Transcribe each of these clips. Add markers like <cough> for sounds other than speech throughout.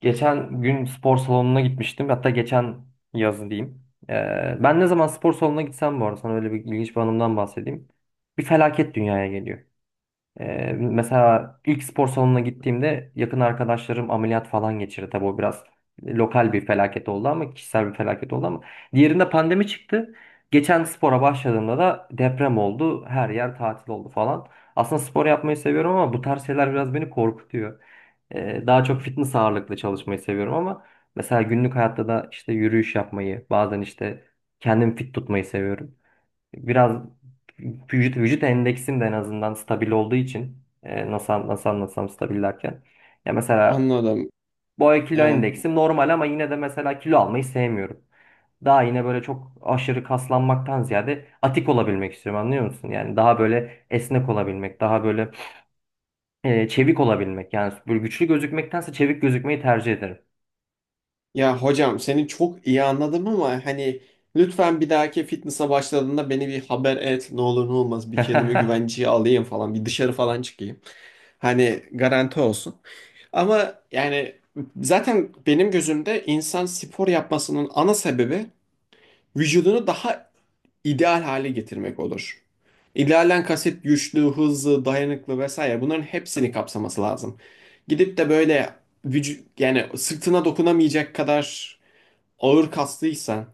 Geçen gün spor salonuna gitmiştim. Hatta geçen yazı diyeyim. Ben ne zaman spor salonuna gitsem, bu arada sana öyle bir ilginç bir anımdan bahsedeyim. Bir felaket dünyaya geliyor. Mesela ilk spor salonuna gittiğimde yakın arkadaşlarım ameliyat falan geçirdi. Tabii o biraz lokal bir felaket oldu, ama kişisel bir felaket oldu ama. Diğerinde pandemi çıktı. Geçen spora başladığımda da deprem oldu. Her yer tatil oldu falan. Aslında spor yapmayı seviyorum ama bu tarz şeyler biraz beni korkutuyor. Daha çok fitness ağırlıklı çalışmayı seviyorum ama mesela günlük hayatta da işte yürüyüş yapmayı, bazen işte kendimi fit tutmayı seviyorum. Biraz vücut endeksim de en azından stabil olduğu için, nasıl nasıl anlatsam, stabil derken ya mesela Anladım. boy kilo Yani, endeksim normal, ama yine de mesela kilo almayı sevmiyorum. Daha yine böyle çok aşırı kaslanmaktan ziyade atik olabilmek istiyorum, anlıyor musun? Yani daha böyle esnek olabilmek, daha böyle çevik olabilmek. Yani böyle güçlü gözükmektense çevik gözükmeyi tercih ederim. ya hocam seni çok iyi anladım ama hani lütfen bir dahaki fitness'a başladığında beni bir haber et. Ne olur ne olmaz bir kendimi <laughs> güvenceye alayım falan. Bir dışarı falan çıkayım. Hani garanti olsun. Ama yani zaten benim gözümde insan spor yapmasının ana sebebi vücudunu daha ideal hale getirmek olur. İdealen kasıt güçlü, hızlı, dayanıklı vesaire bunların hepsini kapsaması lazım. Gidip de böyle vücut yani sırtına dokunamayacak kadar ağır kaslıysan,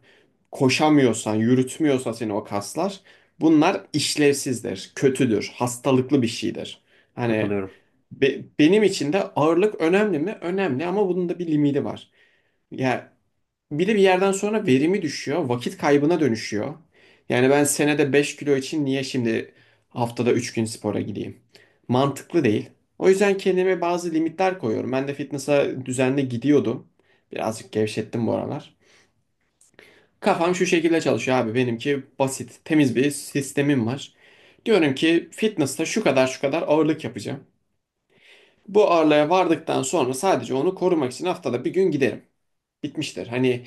koşamıyorsan, yürütmüyorsa seni o kaslar bunlar işlevsizdir, kötüdür, hastalıklı bir şeydir. Hani Katılıyorum. Benim için de ağırlık önemli mi? Önemli ama bunun da bir limiti var. Ya bir de bir yerden sonra verimi düşüyor, vakit kaybına dönüşüyor. Yani ben senede 5 kilo için niye şimdi haftada 3 gün spora gideyim? Mantıklı değil. O yüzden kendime bazı limitler koyuyorum. Ben de fitness'a düzenli gidiyordum. Birazcık gevşettim bu aralar. Kafam şu şekilde çalışıyor abi. Benimki basit, temiz bir sistemim var. Diyorum ki fitness'ta şu kadar şu kadar ağırlık yapacağım. Bu ağırlığa vardıktan sonra sadece onu korumak için haftada bir gün giderim. Bitmiştir. Hani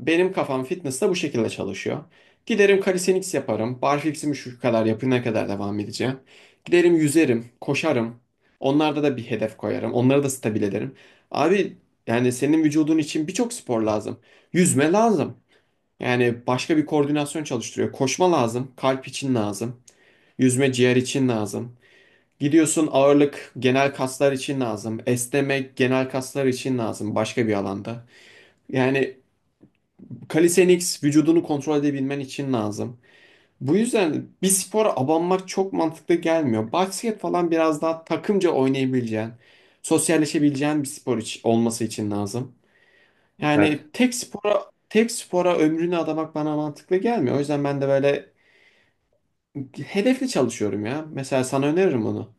benim kafam fitness da bu şekilde çalışıyor. Giderim calisthenics yaparım. Barfix'imi şu kadar yapana kadar devam edeceğim. Giderim yüzerim, koşarım. Onlarda da bir hedef koyarım. Onları da stabil ederim. Abi yani senin vücudun için birçok spor lazım. Yüzme lazım. Yani başka bir koordinasyon çalıştırıyor. Koşma lazım, kalp için lazım. Yüzme ciğer için lazım. Gidiyorsun ağırlık genel kaslar için lazım. Esnemek genel kaslar için lazım başka bir alanda. Yani calisthenics vücudunu kontrol edebilmen için lazım. Bu yüzden bir spora abanmak çok mantıklı gelmiyor. Basket falan biraz daha takımca oynayabileceğin, sosyalleşebileceğin bir spor olması için lazım. Yani evet tek spora ömrünü adamak bana mantıklı gelmiyor. O yüzden ben de böyle hedefli çalışıyorum ya. Mesela sana öneririm onu.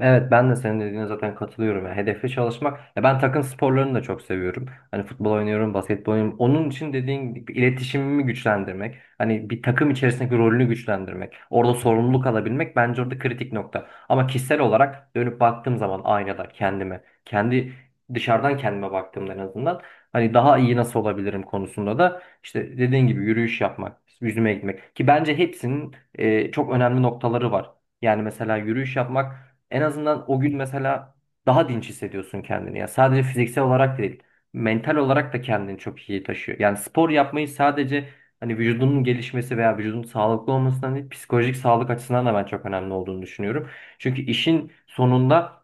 Evet ben de senin dediğine zaten katılıyorum. Yani hedefli çalışmak. Ya ben takım sporlarını da çok seviyorum. Hani futbol oynuyorum, basketbol oynuyorum. Onun için dediğin gibi iletişimimi güçlendirmek. Hani bir takım içerisindeki rolünü güçlendirmek. Orada sorumluluk alabilmek bence orada kritik nokta. Ama kişisel olarak dönüp baktığım zaman aynada kendime. Kendi dışarıdan kendime baktığımda en azından. Hani daha iyi nasıl olabilirim konusunda da işte dediğin gibi yürüyüş yapmak, yüzüme gitmek. Ki bence hepsinin çok önemli noktaları var. Yani mesela yürüyüş yapmak en azından o gün mesela daha dinç hissediyorsun kendini. Ya sadece fiziksel olarak değil, mental olarak da kendini çok iyi taşıyor. Yani spor yapmayı sadece hani vücudunun gelişmesi veya vücudun sağlıklı olmasından değil, psikolojik sağlık açısından da ben çok önemli olduğunu düşünüyorum. Çünkü işin sonunda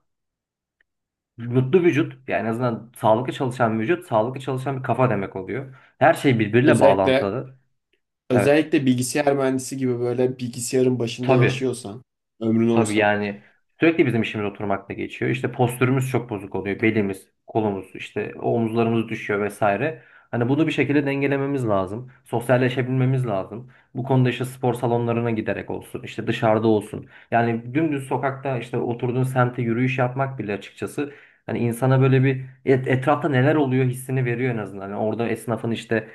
mutlu vücut, yani en azından sağlıklı çalışan bir vücut, sağlıklı çalışan bir kafa demek oluyor. Her şey birbiriyle Özellikle bağlantılı. Evet. Özellikle bilgisayar mühendisi gibi böyle bilgisayarın başında Tabii. yaşıyorsan, ömrün Tabii oysa. yani sürekli bizim işimiz oturmakla geçiyor. İşte postürümüz çok bozuk oluyor. Belimiz, kolumuz, işte omuzlarımız düşüyor vesaire. Hani bunu bir şekilde dengelememiz lazım. Sosyalleşebilmemiz lazım. Bu konuda işte spor salonlarına giderek olsun, işte dışarıda olsun. Yani dümdüz sokakta işte oturduğun semte yürüyüş yapmak bile açıkçası, hani insana böyle bir etrafta neler oluyor hissini veriyor en azından. Yani orada esnafın işte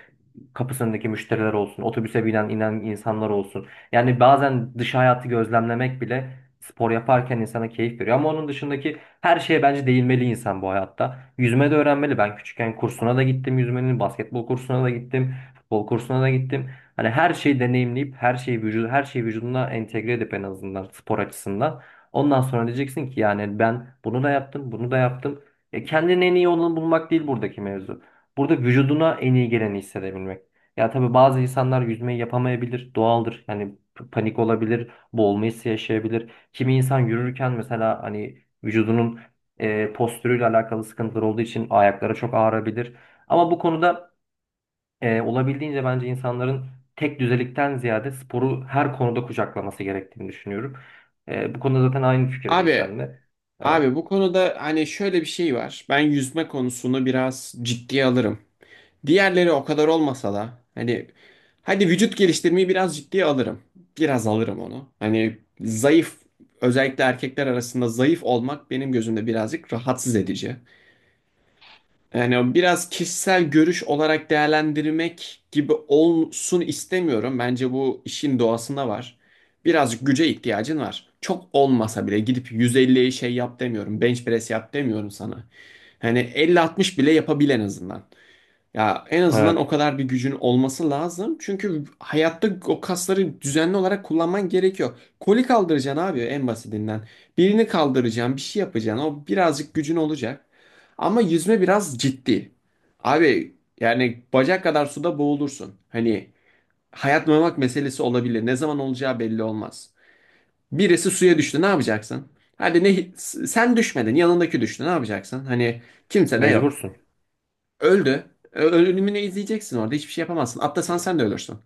kapısındaki müşteriler olsun, otobüse binen inen insanlar olsun. Yani bazen dış hayatı gözlemlemek bile spor yaparken insana keyif veriyor. Ama onun dışındaki her şeye bence değinmeli insan bu hayatta. Yüzme de öğrenmeli. Ben küçükken kursuna da gittim yüzmenin, basketbol kursuna da gittim, futbol kursuna da gittim. Hani her şeyi deneyimleyip her şeyi vücuduna entegre edip en azından spor açısından. Ondan sonra diyeceksin ki yani ben bunu da yaptım, bunu da yaptım. E kendinin en iyi olanı bulmak değil buradaki mevzu. Burada vücuduna en iyi geleni hissedebilmek. Ya tabii bazı insanlar yüzmeyi yapamayabilir, doğaldır. Yani panik olabilir, boğulma hissi yaşayabilir. Kimi insan yürürken mesela hani vücudunun postürüyle alakalı sıkıntılar olduğu için ayaklara çok ağrabilir. Ama bu konuda olabildiğince bence insanların tek düzelikten ziyade sporu her konuda kucaklaması gerektiğini düşünüyorum. Bu konuda zaten aynı fikirdeyiz Abi, sen de. Evet. abi bu konuda hani şöyle bir şey var. Ben yüzme konusunu biraz ciddiye alırım. Diğerleri o kadar olmasa da hani hadi vücut geliştirmeyi biraz ciddiye alırım. Biraz alırım onu. Hani zayıf özellikle erkekler arasında zayıf olmak benim gözümde birazcık rahatsız edici. Yani o biraz kişisel görüş olarak değerlendirmek gibi olsun istemiyorum. Bence bu işin doğasında var. Birazcık güce ihtiyacın var. Çok olmasa bile gidip 150'ye şey yap demiyorum. Bench press yap demiyorum sana. Hani 50-60 bile yapabil en azından. Ya en azından o Evet. kadar bir gücün olması lazım. Çünkü hayatta o kasları düzenli olarak kullanman gerekiyor. Koli kaldıracaksın abi en basitinden. Birini kaldıracaksın, bir şey yapacaksın. O birazcık gücün olacak. Ama yüzme biraz ciddi. Abi yani bacak kadar suda boğulursun. Hani hayat memak meselesi olabilir. Ne zaman olacağı belli olmaz. Birisi suya düştü ne yapacaksın? Hadi ne sen düşmedin yanındaki düştü ne yapacaksın? Hani kimse de yok. Mecbursun. Öldü. Ölümünü izleyeceksin orada. Hiçbir şey yapamazsın. Atlasan sen de ölürsün.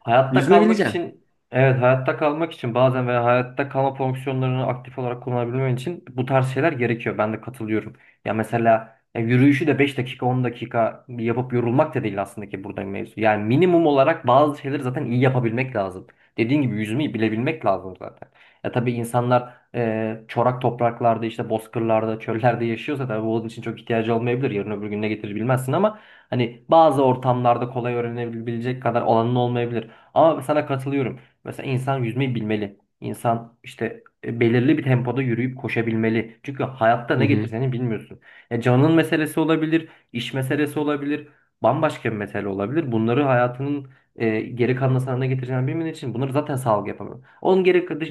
Hayatta Yüzme kalmak bileceksin. için, evet, hayatta kalmak için bazen veya hayatta kalma fonksiyonlarını aktif olarak kullanabilmen için bu tarz şeyler gerekiyor. Ben de katılıyorum. Ya mesela ya yürüyüşü de 5 dakika 10 dakika yapıp yorulmak da değil aslında ki burada mevzu. Yani minimum olarak bazı şeyleri zaten iyi yapabilmek lazım. Dediğin gibi yüzmeyi bilebilmek lazım zaten. Ya tabii insanlar çorak topraklarda işte bozkırlarda çöllerde yaşıyorsa tabii bunun için çok ihtiyacı olmayabilir. Yarın öbür gün ne getirir bilmezsin ama hani bazı ortamlarda kolay öğrenebilecek kadar olanın olmayabilir. Ama sana katılıyorum. Mesela insan yüzmeyi bilmeli. İnsan işte belirli bir tempoda yürüyüp koşabilmeli. Çünkü hayatta Hı ne hı. getireceğini bilmiyorsun. Ya canın meselesi olabilir, iş meselesi olabilir, bambaşka bir mesele olabilir. Bunları hayatının geri kalan sana ne getireceğini bilmediğin için bunları zaten sağlık yapamıyor. Onun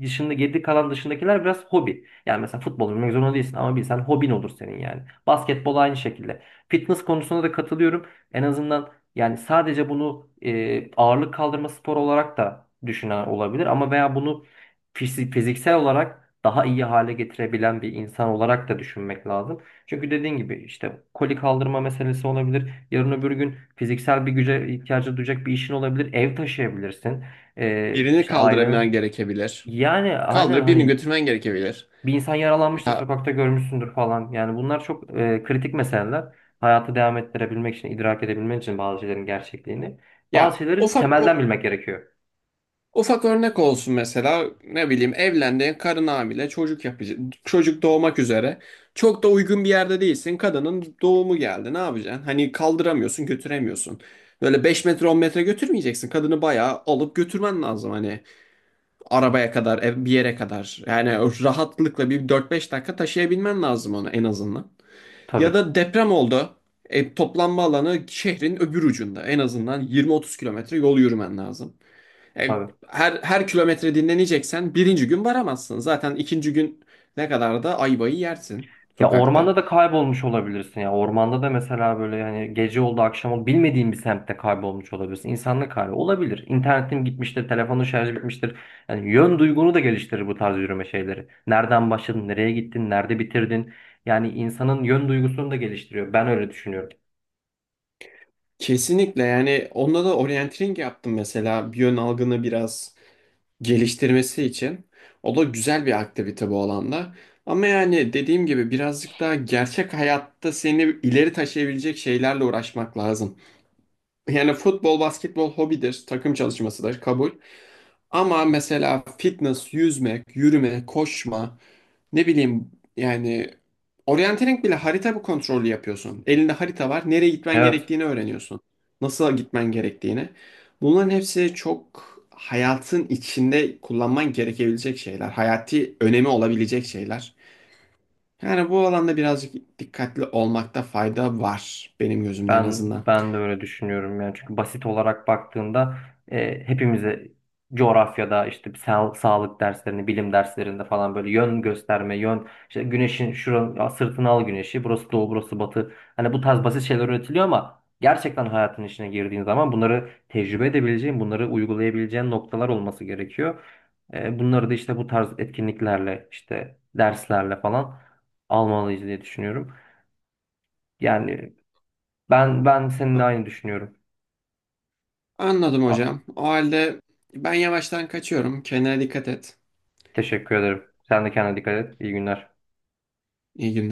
dışında geri kalan dışındakiler biraz hobi. Yani mesela futbol oynamak zorunda değilsin ama bilsen hobin olur senin yani. Basketbol aynı şekilde. Fitness konusunda da katılıyorum. En azından yani sadece bunu ağırlık kaldırma sporu olarak da düşünen olabilir ama, veya bunu fiziksel olarak daha iyi hale getirebilen bir insan olarak da düşünmek lazım. Çünkü dediğin gibi işte koli kaldırma meselesi olabilir. Yarın öbür gün fiziksel bir güce ihtiyacı duyacak bir işin olabilir. Ev taşıyabilirsin. Birini İşte kaldırman ailen, gerekebilir. yani aynen Kaldırıp birini hani götürmen gerekebilir. bir insan yaralanmıştır, Ya, sokakta görmüşsündür falan. Yani bunlar çok kritik meseleler. Hayatı devam ettirebilmek için, idrak edebilmek için bazı şeylerin gerçekliğini. Bazı ya şeyleri temelden bilmek gerekiyor. ufak örnek olsun mesela ne bileyim evlendiğin karın hamile çocuk yapacak, çocuk doğmak üzere, çok da uygun bir yerde değilsin, kadının doğumu geldi ne yapacaksın? Hani kaldıramıyorsun, götüremiyorsun, böyle 5 metre 10 metre götürmeyeceksin kadını, bayağı alıp götürmen lazım hani, arabaya kadar, bir yere kadar. Yani o rahatlıkla bir 4 5 dakika taşıyabilmen lazım onu en azından. Ya Tabii, da deprem oldu. E, toplanma alanı şehrin öbür ucunda. En azından 20 30 kilometre yol yürümen lazım. E, tabii. Her kilometre dinleneceksen birinci gün varamazsın. Zaten ikinci gün ne kadar da ayvayı yersin Ya sokakta. ormanda da kaybolmuş olabilirsin ya. Ormanda da mesela böyle yani gece oldu, akşam oldu, bilmediğin bir semtte kaybolmuş olabilirsin. İnsanlık hali olabilir. İnternetin gitmiştir, telefonun şarjı bitmiştir. Yani yön duygunu da geliştirir bu tarz yürüme şeyleri. Nereden başladın, nereye gittin, nerede bitirdin? Yani insanın yön duygusunu da geliştiriyor. Ben öyle düşünüyorum. Kesinlikle yani onda da orienteering yaptım mesela. Bir yön algını biraz geliştirmesi için. O da güzel bir aktivite bu alanda. Ama yani dediğim gibi birazcık daha gerçek hayatta seni ileri taşıyabilecek şeylerle uğraşmak lazım. Yani futbol, basketbol hobidir, takım çalışmasıdır, kabul. Ama mesela fitness, yüzmek, yürüme, koşma, ne bileyim yani orientering bile harita bu kontrolü yapıyorsun. Elinde harita var, nereye gitmen Evet, gerektiğini öğreniyorsun. Nasıl gitmen gerektiğini. Bunların hepsi çok hayatın içinde kullanman gerekebilecek şeyler. Hayati önemi olabilecek şeyler. Yani bu alanda birazcık dikkatli olmakta fayda var benim gözümde en ben azından. ben de öyle düşünüyorum yani, çünkü basit olarak baktığında hepimize coğrafyada işte sağlık derslerinde, bilim derslerinde falan böyle yön gösterme, yön işte güneşin şuranın ya sırtına al güneşi, burası doğu, burası batı. Hani bu tarz basit şeyler öğretiliyor ama gerçekten hayatın içine girdiğin zaman bunları tecrübe edebileceğin, bunları uygulayabileceğin noktalar olması gerekiyor. Bunları da işte bu tarz etkinliklerle, işte derslerle falan almalıyız diye düşünüyorum. Yani, ben seninle aynı düşünüyorum. Anladım Ah, hocam. O halde ben yavaştan kaçıyorum. Kendine dikkat et. teşekkür ederim. Sen de kendine dikkat et. İyi günler. İyi günler.